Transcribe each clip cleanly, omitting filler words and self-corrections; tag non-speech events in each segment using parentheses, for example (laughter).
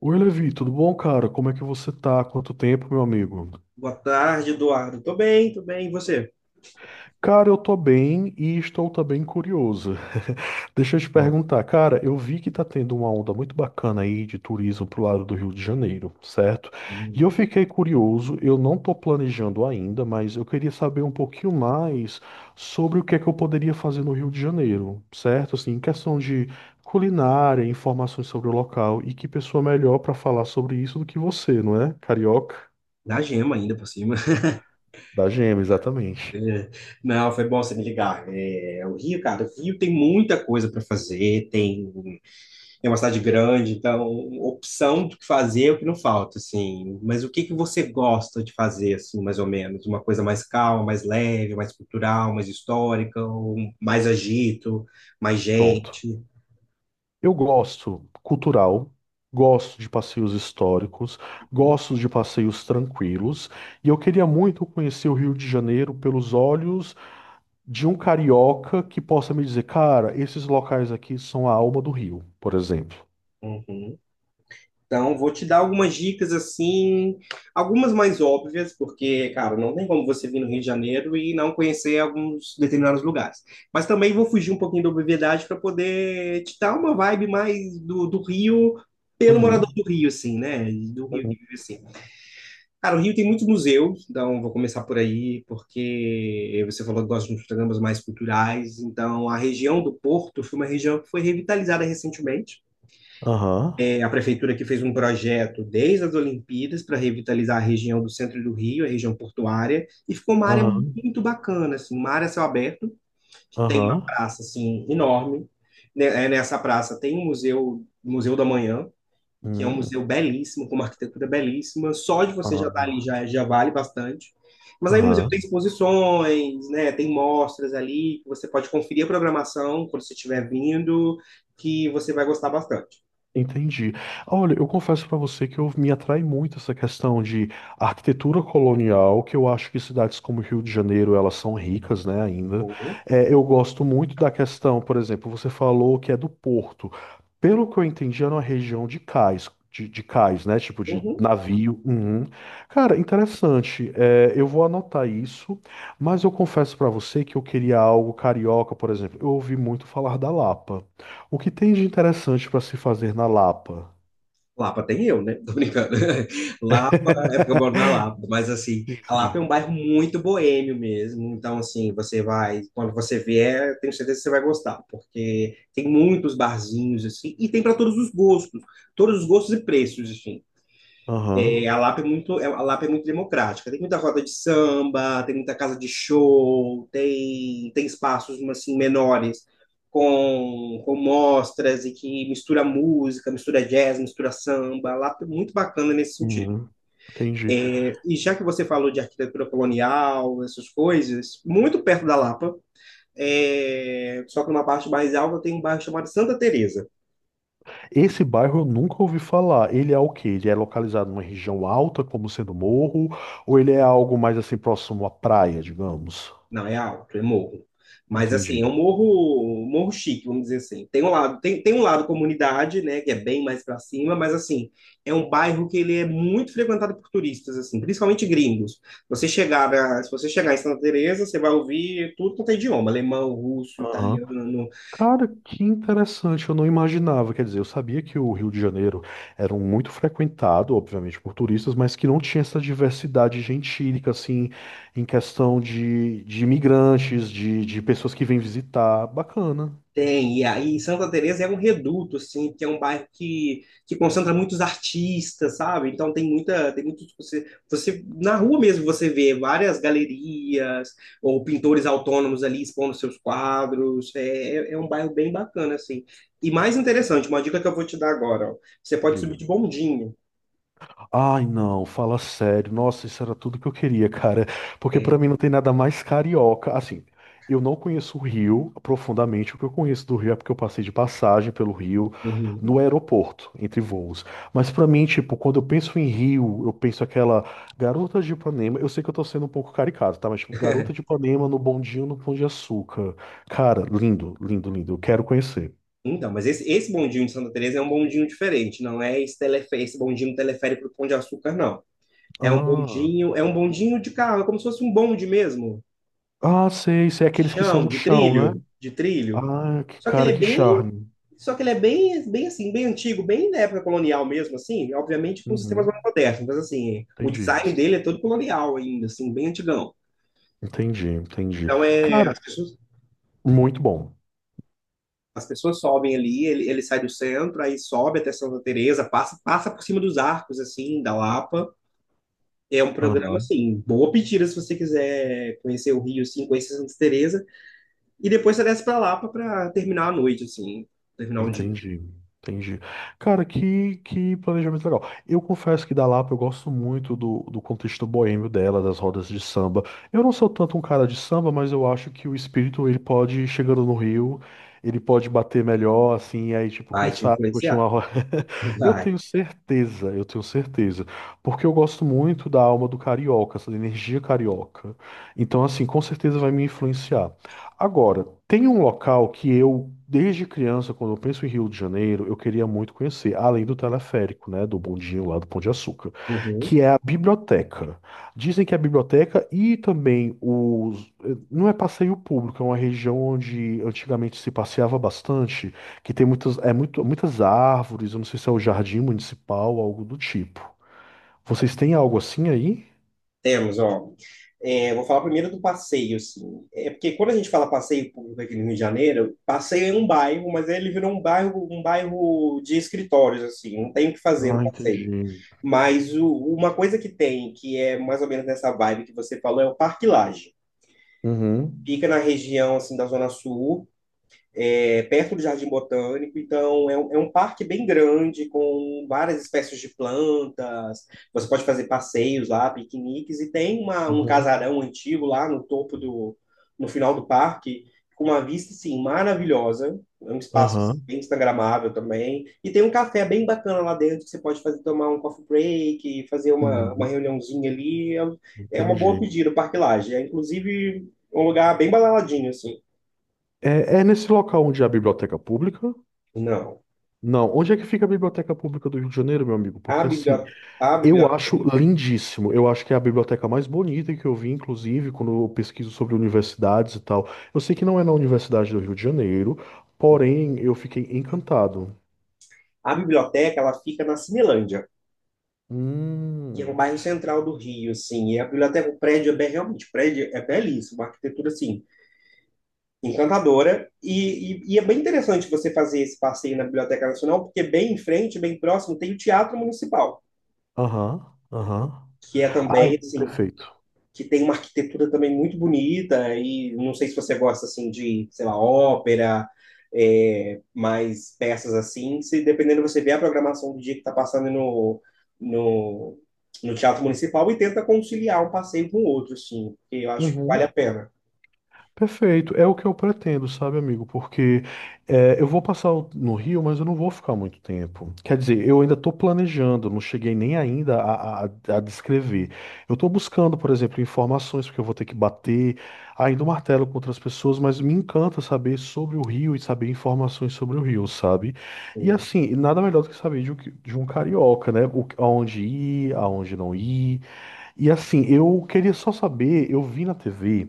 Oi, Levi, tudo bom, cara? Como é que você tá? Quanto tempo, meu amigo? Boa tarde, Eduardo. Tô bem, tô bem. E você? Cara, eu tô bem e estou também curioso. (laughs) Deixa eu te Bom, perguntar, cara, eu vi que tá tendo uma onda muito bacana aí de turismo pro lado do Rio de Janeiro, certo? E hum, eu fiquei curioso, eu não tô planejando ainda, mas eu queria saber um pouquinho mais sobre o que é que eu poderia fazer no Rio de Janeiro, certo? Assim, em questão de culinária, informações sobre o local e que pessoa melhor pra falar sobre isso do que você, não é? Carioca. na gema ainda por cima. (laughs) Da gema, exatamente. É, Não, foi bom você me ligar. É, o Rio, cara, o Rio tem muita coisa para fazer, é uma cidade grande, então opção do que fazer é o que não falta, assim. Mas o que você gosta de fazer, assim, mais ou menos? Uma coisa mais calma, mais leve, mais cultural, mais histórica, ou mais agito, mais Pronto. gente? Eu gosto cultural, gosto de passeios históricos, gosto de passeios tranquilos, e eu queria muito conhecer o Rio de Janeiro pelos olhos de um carioca que possa me dizer, cara, esses locais aqui são a alma do Rio, por exemplo. Uhum. Então, vou te dar algumas dicas assim, algumas mais óbvias, porque, cara, não tem como você vir no Rio de Janeiro e não conhecer alguns determinados lugares. Mas também vou fugir um pouquinho da obviedade para poder te dar uma vibe mais do Rio, pelo morador Uhum. do Rio, assim, né? Do Rio que vive assim. Cara, o Rio tem muitos museus, então vou começar por aí, porque você falou que gosta de uns programas mais culturais, então a região do Porto foi uma região que foi revitalizada recentemente. Aham. A prefeitura que fez um projeto desde as Olimpíadas para revitalizar a região do centro do Rio, a região portuária, e ficou uma área Aham. muito bacana, assim, uma área a céu aberto, que tem uma Aham. Aham. praça assim enorme. Nessa praça tem um museu, Museu da Manhã, que é um Hum. museu belíssimo, com uma arquitetura belíssima. Só de você já estar Aham. ali já vale bastante. Mas aí o museu tem Aham. exposições, né? Tem mostras ali, que você pode conferir a programação quando você estiver vindo, que você vai gostar bastante. Entendi. Olha, eu confesso para você que eu me atrai muito essa questão de arquitetura colonial, que eu acho que cidades como Rio de Janeiro, elas são ricas, né, ainda. Vou. É, eu gosto muito da questão, por exemplo, você falou que é do Porto. Pelo que eu entendi, era uma região de cais, de cais, né, tipo de navio. Uhum. Cara, interessante. É, eu vou anotar isso, mas eu confesso para você que eu queria algo carioca, por exemplo. Eu ouvi muito falar da Lapa. O que tem de interessante para se fazer na Lapa? Lapa tem eu, né? Tô brincando. (laughs) Lapa é porque eu moro na (laughs) Lapa, mas assim, Sim, a Lapa é sim. um bairro muito boêmio mesmo. Então, assim, você vai, quando você vier, tenho certeza que você vai gostar, porque tem muitos barzinhos, assim, e tem para todos os gostos e preços, assim. É, Aham. a Lapa é a Lapa é muito democrática. Tem muita roda de samba, tem muita casa de show, tem espaços assim, menores com mostras e que mistura música, mistura jazz, mistura samba. A Lapa é muito bacana nesse sentido. Uhum. Entendi. É, e já que você falou de arquitetura colonial, essas coisas, muito perto da Lapa, é, só que numa parte mais alta tem um bairro chamado Santa Teresa. Esse bairro eu nunca ouvi falar. Ele é o quê? Ele é localizado numa região alta, como sendo morro, ou ele é algo mais assim próximo à praia, digamos? Não, é alto, é morro. Mas Entendi. assim, é um morro chique, vamos dizer assim. Tem um lado, tem um lado comunidade, né, que é bem mais para cima, mas assim, é um bairro que ele é muito frequentado por turistas assim, principalmente gringos. Se você chegar em Santa Teresa, você vai ouvir tudo quanto é idioma, alemão, russo, Aham. italiano. Cara, que interessante, eu não imaginava. Quer dizer, eu sabia que o Rio de Janeiro era um muito frequentado, obviamente, por turistas, mas que não tinha essa diversidade gentílica, assim, em questão de imigrantes, de pessoas que vêm visitar. Bacana, Tem, e aí Santa Teresa é um reduto, assim, porque é um bairro que concentra muitos artistas, sabe? Então tem muita, tem muito, tipo, você, na rua mesmo você vê várias galerias ou pintores autônomos ali expondo seus quadros, é um bairro bem bacana, assim. E mais interessante, uma dica que eu vou te dar agora, ó, você pode subir diga. de bondinho, Ai, não, fala sério. Nossa, isso era tudo que eu queria, (laughs) cara. Porque pra é. mim não tem nada mais carioca. Assim, eu não conheço o Rio profundamente. O que eu conheço do Rio é porque eu passei de passagem pelo Rio Uhum. no aeroporto, entre voos. Mas pra mim, tipo, quando eu penso em Rio, eu penso aquela garota de Ipanema. Eu sei que eu tô sendo um pouco caricato, tá? Mas, tipo, garota de (laughs) Ipanema no bondinho no Pão de Açúcar. Cara, lindo, lindo, lindo. Eu quero conhecer. Então, mas esse bondinho de Santa Teresa é um bondinho diferente, não é esse, esse bondinho teleférico do Pão de Açúcar, não. Ah, É um bondinho de carro, é como se fosse um bonde mesmo, ah, sei, sei. de Aqueles que são chão, no chão, né? De trilho. Ah, que Só que ele cara, é que bem, charme. só que ele é bem, bem assim, bem antigo, bem da época colonial mesmo, assim, obviamente com sistemas Uhum, mais modernos, mas assim, o entendi. design dele é todo colonial ainda, assim, bem antigão. Entendi, entendi. Então é, Cara, muito bom. as pessoas sobem ali, ele sai do centro, aí sobe até Santa Teresa, passa por cima dos arcos, assim, da Lapa. É um programa, assim, boa pedida se você quiser conhecer o Rio, assim, conhecer Santa Teresa. E depois você desce pra Lapa pra terminar a noite, assim, terminar o dia. Entendi, entendi. Cara, que planejamento legal. Eu confesso que da Lapa eu gosto muito do, do contexto boêmio dela, das rodas de samba. Eu não sou tanto um cara de samba, mas eu acho que o espírito ele pode, chegando no Rio, ele pode bater melhor, assim, e aí, tipo, quem Vai te sabe, curtir uma influenciar. roda. (laughs) Eu Vai. tenho certeza, eu tenho certeza. Porque eu gosto muito da alma do carioca, essa energia carioca. Então, assim, com certeza vai me influenciar. Agora, tem um local que eu, desde criança, quando eu penso em Rio de Janeiro, eu queria muito conhecer, além do teleférico, né, do bondinho lá do Pão de Açúcar, Uhum. que é a biblioteca. Dizem que é a biblioteca e também os... Não é passeio público, é uma região onde antigamente se passeava bastante, que tem muitas, é muito, muitas árvores, eu não sei se é o jardim municipal, algo do tipo. Vocês têm algo assim aí? Temos, ó. É, vou falar primeiro do passeio, assim. É porque quando a gente fala passeio público aqui no Rio de Janeiro, passeio é um bairro, mas ele virou um bairro de escritórios, assim, não tem o que fazer no Ah, passeio. entendi. Mas o- uma coisa que tem, que é mais ou menos nessa vibe que você falou, é o Parque Lage. Uhum. Fica na região, assim, da Zona Sul, é perto do Jardim Botânico, então é é um parque bem grande, com várias espécies de plantas. Você pode fazer passeios lá, piqueniques, e tem um Uhum. casarão antigo lá no topo no final do parque, com uma vista assim, maravilhosa. É um espaço Aham. bem instagramável também. E tem um café bem bacana lá dentro que você pode fazer tomar um coffee break, fazer uma Uhum. reuniãozinha ali. É uma boa Entendi. pedida o Parque Lage. É inclusive um lugar bem balaladinho, assim. É, é nesse local onde há a biblioteca pública? Não. Não, onde é que fica a biblioteca pública do Rio de Janeiro, meu amigo? A Porque assim, biblioteca, a eu biblioteca, acho lindíssimo. Eu acho que é a biblioteca mais bonita que eu vi, inclusive, quando eu pesquiso sobre universidades e tal. Eu sei que não é na Universidade do Rio de Janeiro, porém eu fiquei encantado. a biblioteca, ela fica na Cinelândia, que é um Hum. bairro central do Rio, assim. E a biblioteca, o prédio é bem, realmente, o prédio é belíssimo, uma arquitetura, assim, encantadora. E é bem interessante você fazer esse passeio na Biblioteca Nacional, porque bem em frente, bem próximo, tem o Teatro Municipal, Aham, aham. que é Ai, também, assim, perfeito. que tem uma arquitetura também muito bonita, e não sei se você gosta assim de, sei lá, ópera, é, mais peças assim, se dependendo você vê a programação do dia que está passando no, no Teatro Municipal e tenta conciliar um passeio com o outro, assim, porque eu acho que vale Uhum. a pena. Perfeito, é o que eu pretendo, sabe, amigo? Porque é, eu vou passar o- no Rio, mas eu não vou ficar muito tempo. Quer dizer, eu ainda estou planejando, não cheguei nem ainda a descrever. Eu estou buscando, por exemplo, informações, porque eu vou ter que bater ainda o martelo com outras pessoas, mas me encanta saber sobre o Rio e saber informações sobre o Rio, sabe? E Uhum. assim, nada melhor do que saber de, um que- de um carioca, né? O, aonde ir, aonde não ir. E assim, eu queria só saber, eu vi na TV.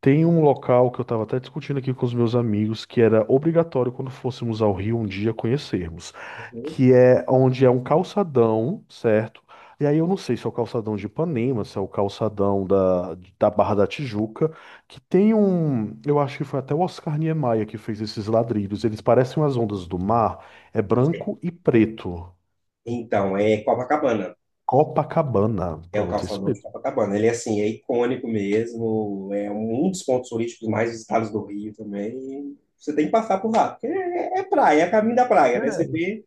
Tem um local que eu estava até discutindo aqui com os meus amigos que era obrigatório quando fôssemos ao Rio um dia conhecermos, Uhum. que é onde é um calçadão, certo? E aí eu não sei se é o calçadão de Ipanema, se é o calçadão da Barra da Tijuca, que tem um, eu acho que foi até o Oscar Niemeyer que fez esses ladrilhos. Eles parecem as ondas do mar, é branco e preto. Então, é Copacabana. Copacabana. É o Pronto, isso calçadão de mesmo. Copacabana. Ele, assim, é icônico mesmo. É um dos pontos turísticos mais visitados do Rio também. Você tem que passar por lá, porque é praia, é caminho da praia, né? Você vê,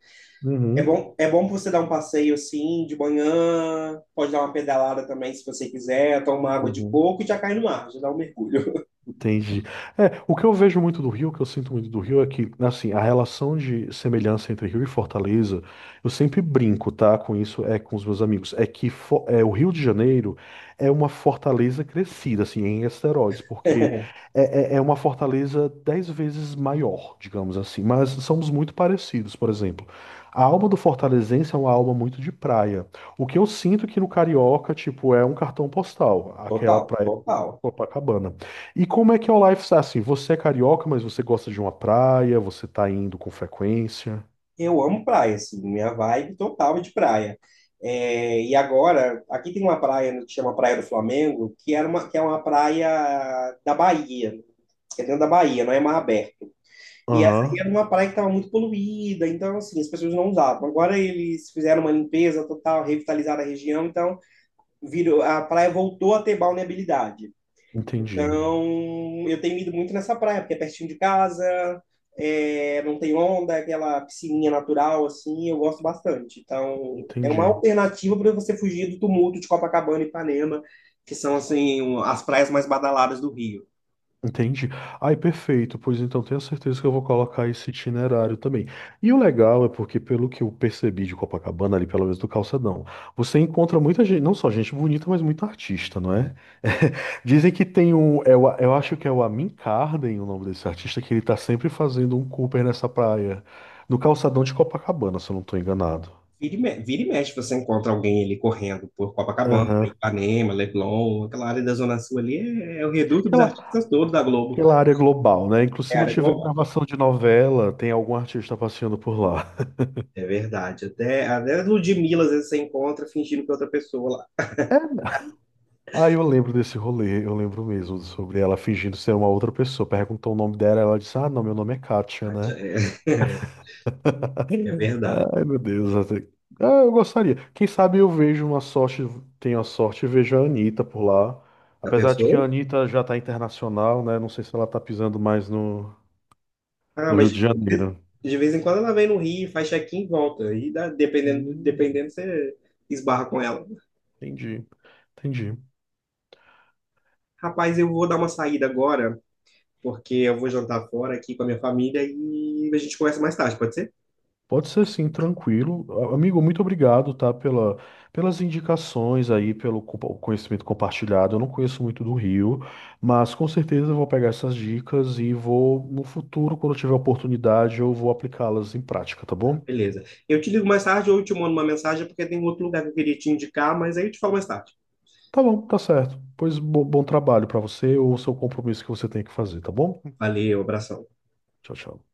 Uhum, é bom pra você dar um passeio assim de manhã, pode dar uma pedalada também se você quiser, tomar água de uhum. coco e já cai no mar, já dá um mergulho. Entendi. É, o que eu vejo muito do Rio, o que eu sinto muito do Rio é que, assim, a relação de semelhança entre Rio e Fortaleza, eu sempre brinco, tá, com isso, é com os meus amigos, é que Fo- é, o Rio de Janeiro é uma fortaleza crescida, assim, em esteroides, porque é, é uma fortaleza dez vezes maior, digamos assim, mas somos muito parecidos, por exemplo. A alma do fortalezense é uma alma muito de praia. O que eu sinto é que no Carioca, tipo, é um cartão postal. (laughs) Aquela Total, praia total. Copacabana. E como é que é o lifestyle? Assim, você é carioca, mas você gosta de uma praia, você tá indo com frequência. Eu amo praia, assim, minha vibe total é de praia. É, e agora, aqui tem uma praia que chama Praia do Flamengo, que era que é uma praia da Bahia, que é dentro da Bahia, não é mar aberto. E essa aí era Aham, uma praia que estava muito poluída, então, assim, as pessoas não usavam. Agora eles fizeram uma limpeza total, revitalizaram a região, então virou, a praia voltou a ter balneabilidade. entendi. Então, eu tenho ido muito nessa praia, porque é pertinho de casa, é, não tem onda, é aquela piscininha natural, assim, eu gosto bastante. Então, é uma Entendi. alternativa para você fugir do tumulto de Copacabana e Ipanema, que são, assim, um- as praias mais badaladas do Rio. Entendi. Ai, perfeito. Pois então, tenho certeza que eu vou colocar esse itinerário também. E o legal é porque, pelo que eu percebi de Copacabana, ali pelo menos do calçadão, você encontra muita gente, não só gente bonita, mas muito artista, não é? (laughs) Dizem que tem um, eu acho que é o Amin Carden, o nome desse artista, que ele tá sempre fazendo um Cooper nessa praia, no calçadão de Copacabana, se eu não tô enganado. Vira e mexe, você encontra alguém ali correndo por Copacabana, Aham. Ipanema, Leblon, aquela área da Zona Sul ali é o reduto dos Aquela, artistas todos da Globo. aquela área global, né? Inclusive, É se a não área tiver global. gravação de novela, tem algum artista passeando por lá. É verdade. Até Ludmilla, às vezes, você encontra fingindo que é outra pessoa lá. Aí eu lembro desse rolê, eu lembro mesmo sobre ela fingindo ser uma outra pessoa. Perguntou o nome dela, ela disse: Ah, não, meu nome é Kátia, Ah, tia, né? é, (laughs) é (laughs) verdade. Ai, meu Deus. Até- Ah, eu gostaria. Quem sabe eu vejo uma sorte, tenho a sorte e vejo a Anitta por lá. Da Apesar de que a pessoa? Anitta já tá internacional, né? Não sei se ela tá pisando mais no, Ah, no Rio mas de Janeiro. de vez em quando ela vem no Rio, faz check-in e volta. Dependendo, Hum, dependendo, você esbarra com ela. entendi. Entendi. Rapaz, eu vou dar uma saída agora, porque eu vou jantar fora aqui com a minha família e a gente conversa mais tarde, pode ser? Pode ser sim, tranquilo. A- Amigo, muito obrigado, tá, pela, pelas indicações aí, pelo compa- conhecimento compartilhado. Eu não conheço muito do Rio, mas com certeza eu vou pegar essas dicas e vou, no futuro, quando eu tiver oportunidade, eu vou aplicá-las em prática, tá bom? Beleza. Eu te ligo mais tarde ou eu te mando uma mensagem, porque tem outro lugar que eu queria te indicar, mas aí eu te falo mais tarde. Tá bom, tá certo. Pois bo- bom trabalho pra você ou seu compromisso que você tem que fazer, tá bom? Valeu, abração. Tchau, tchau.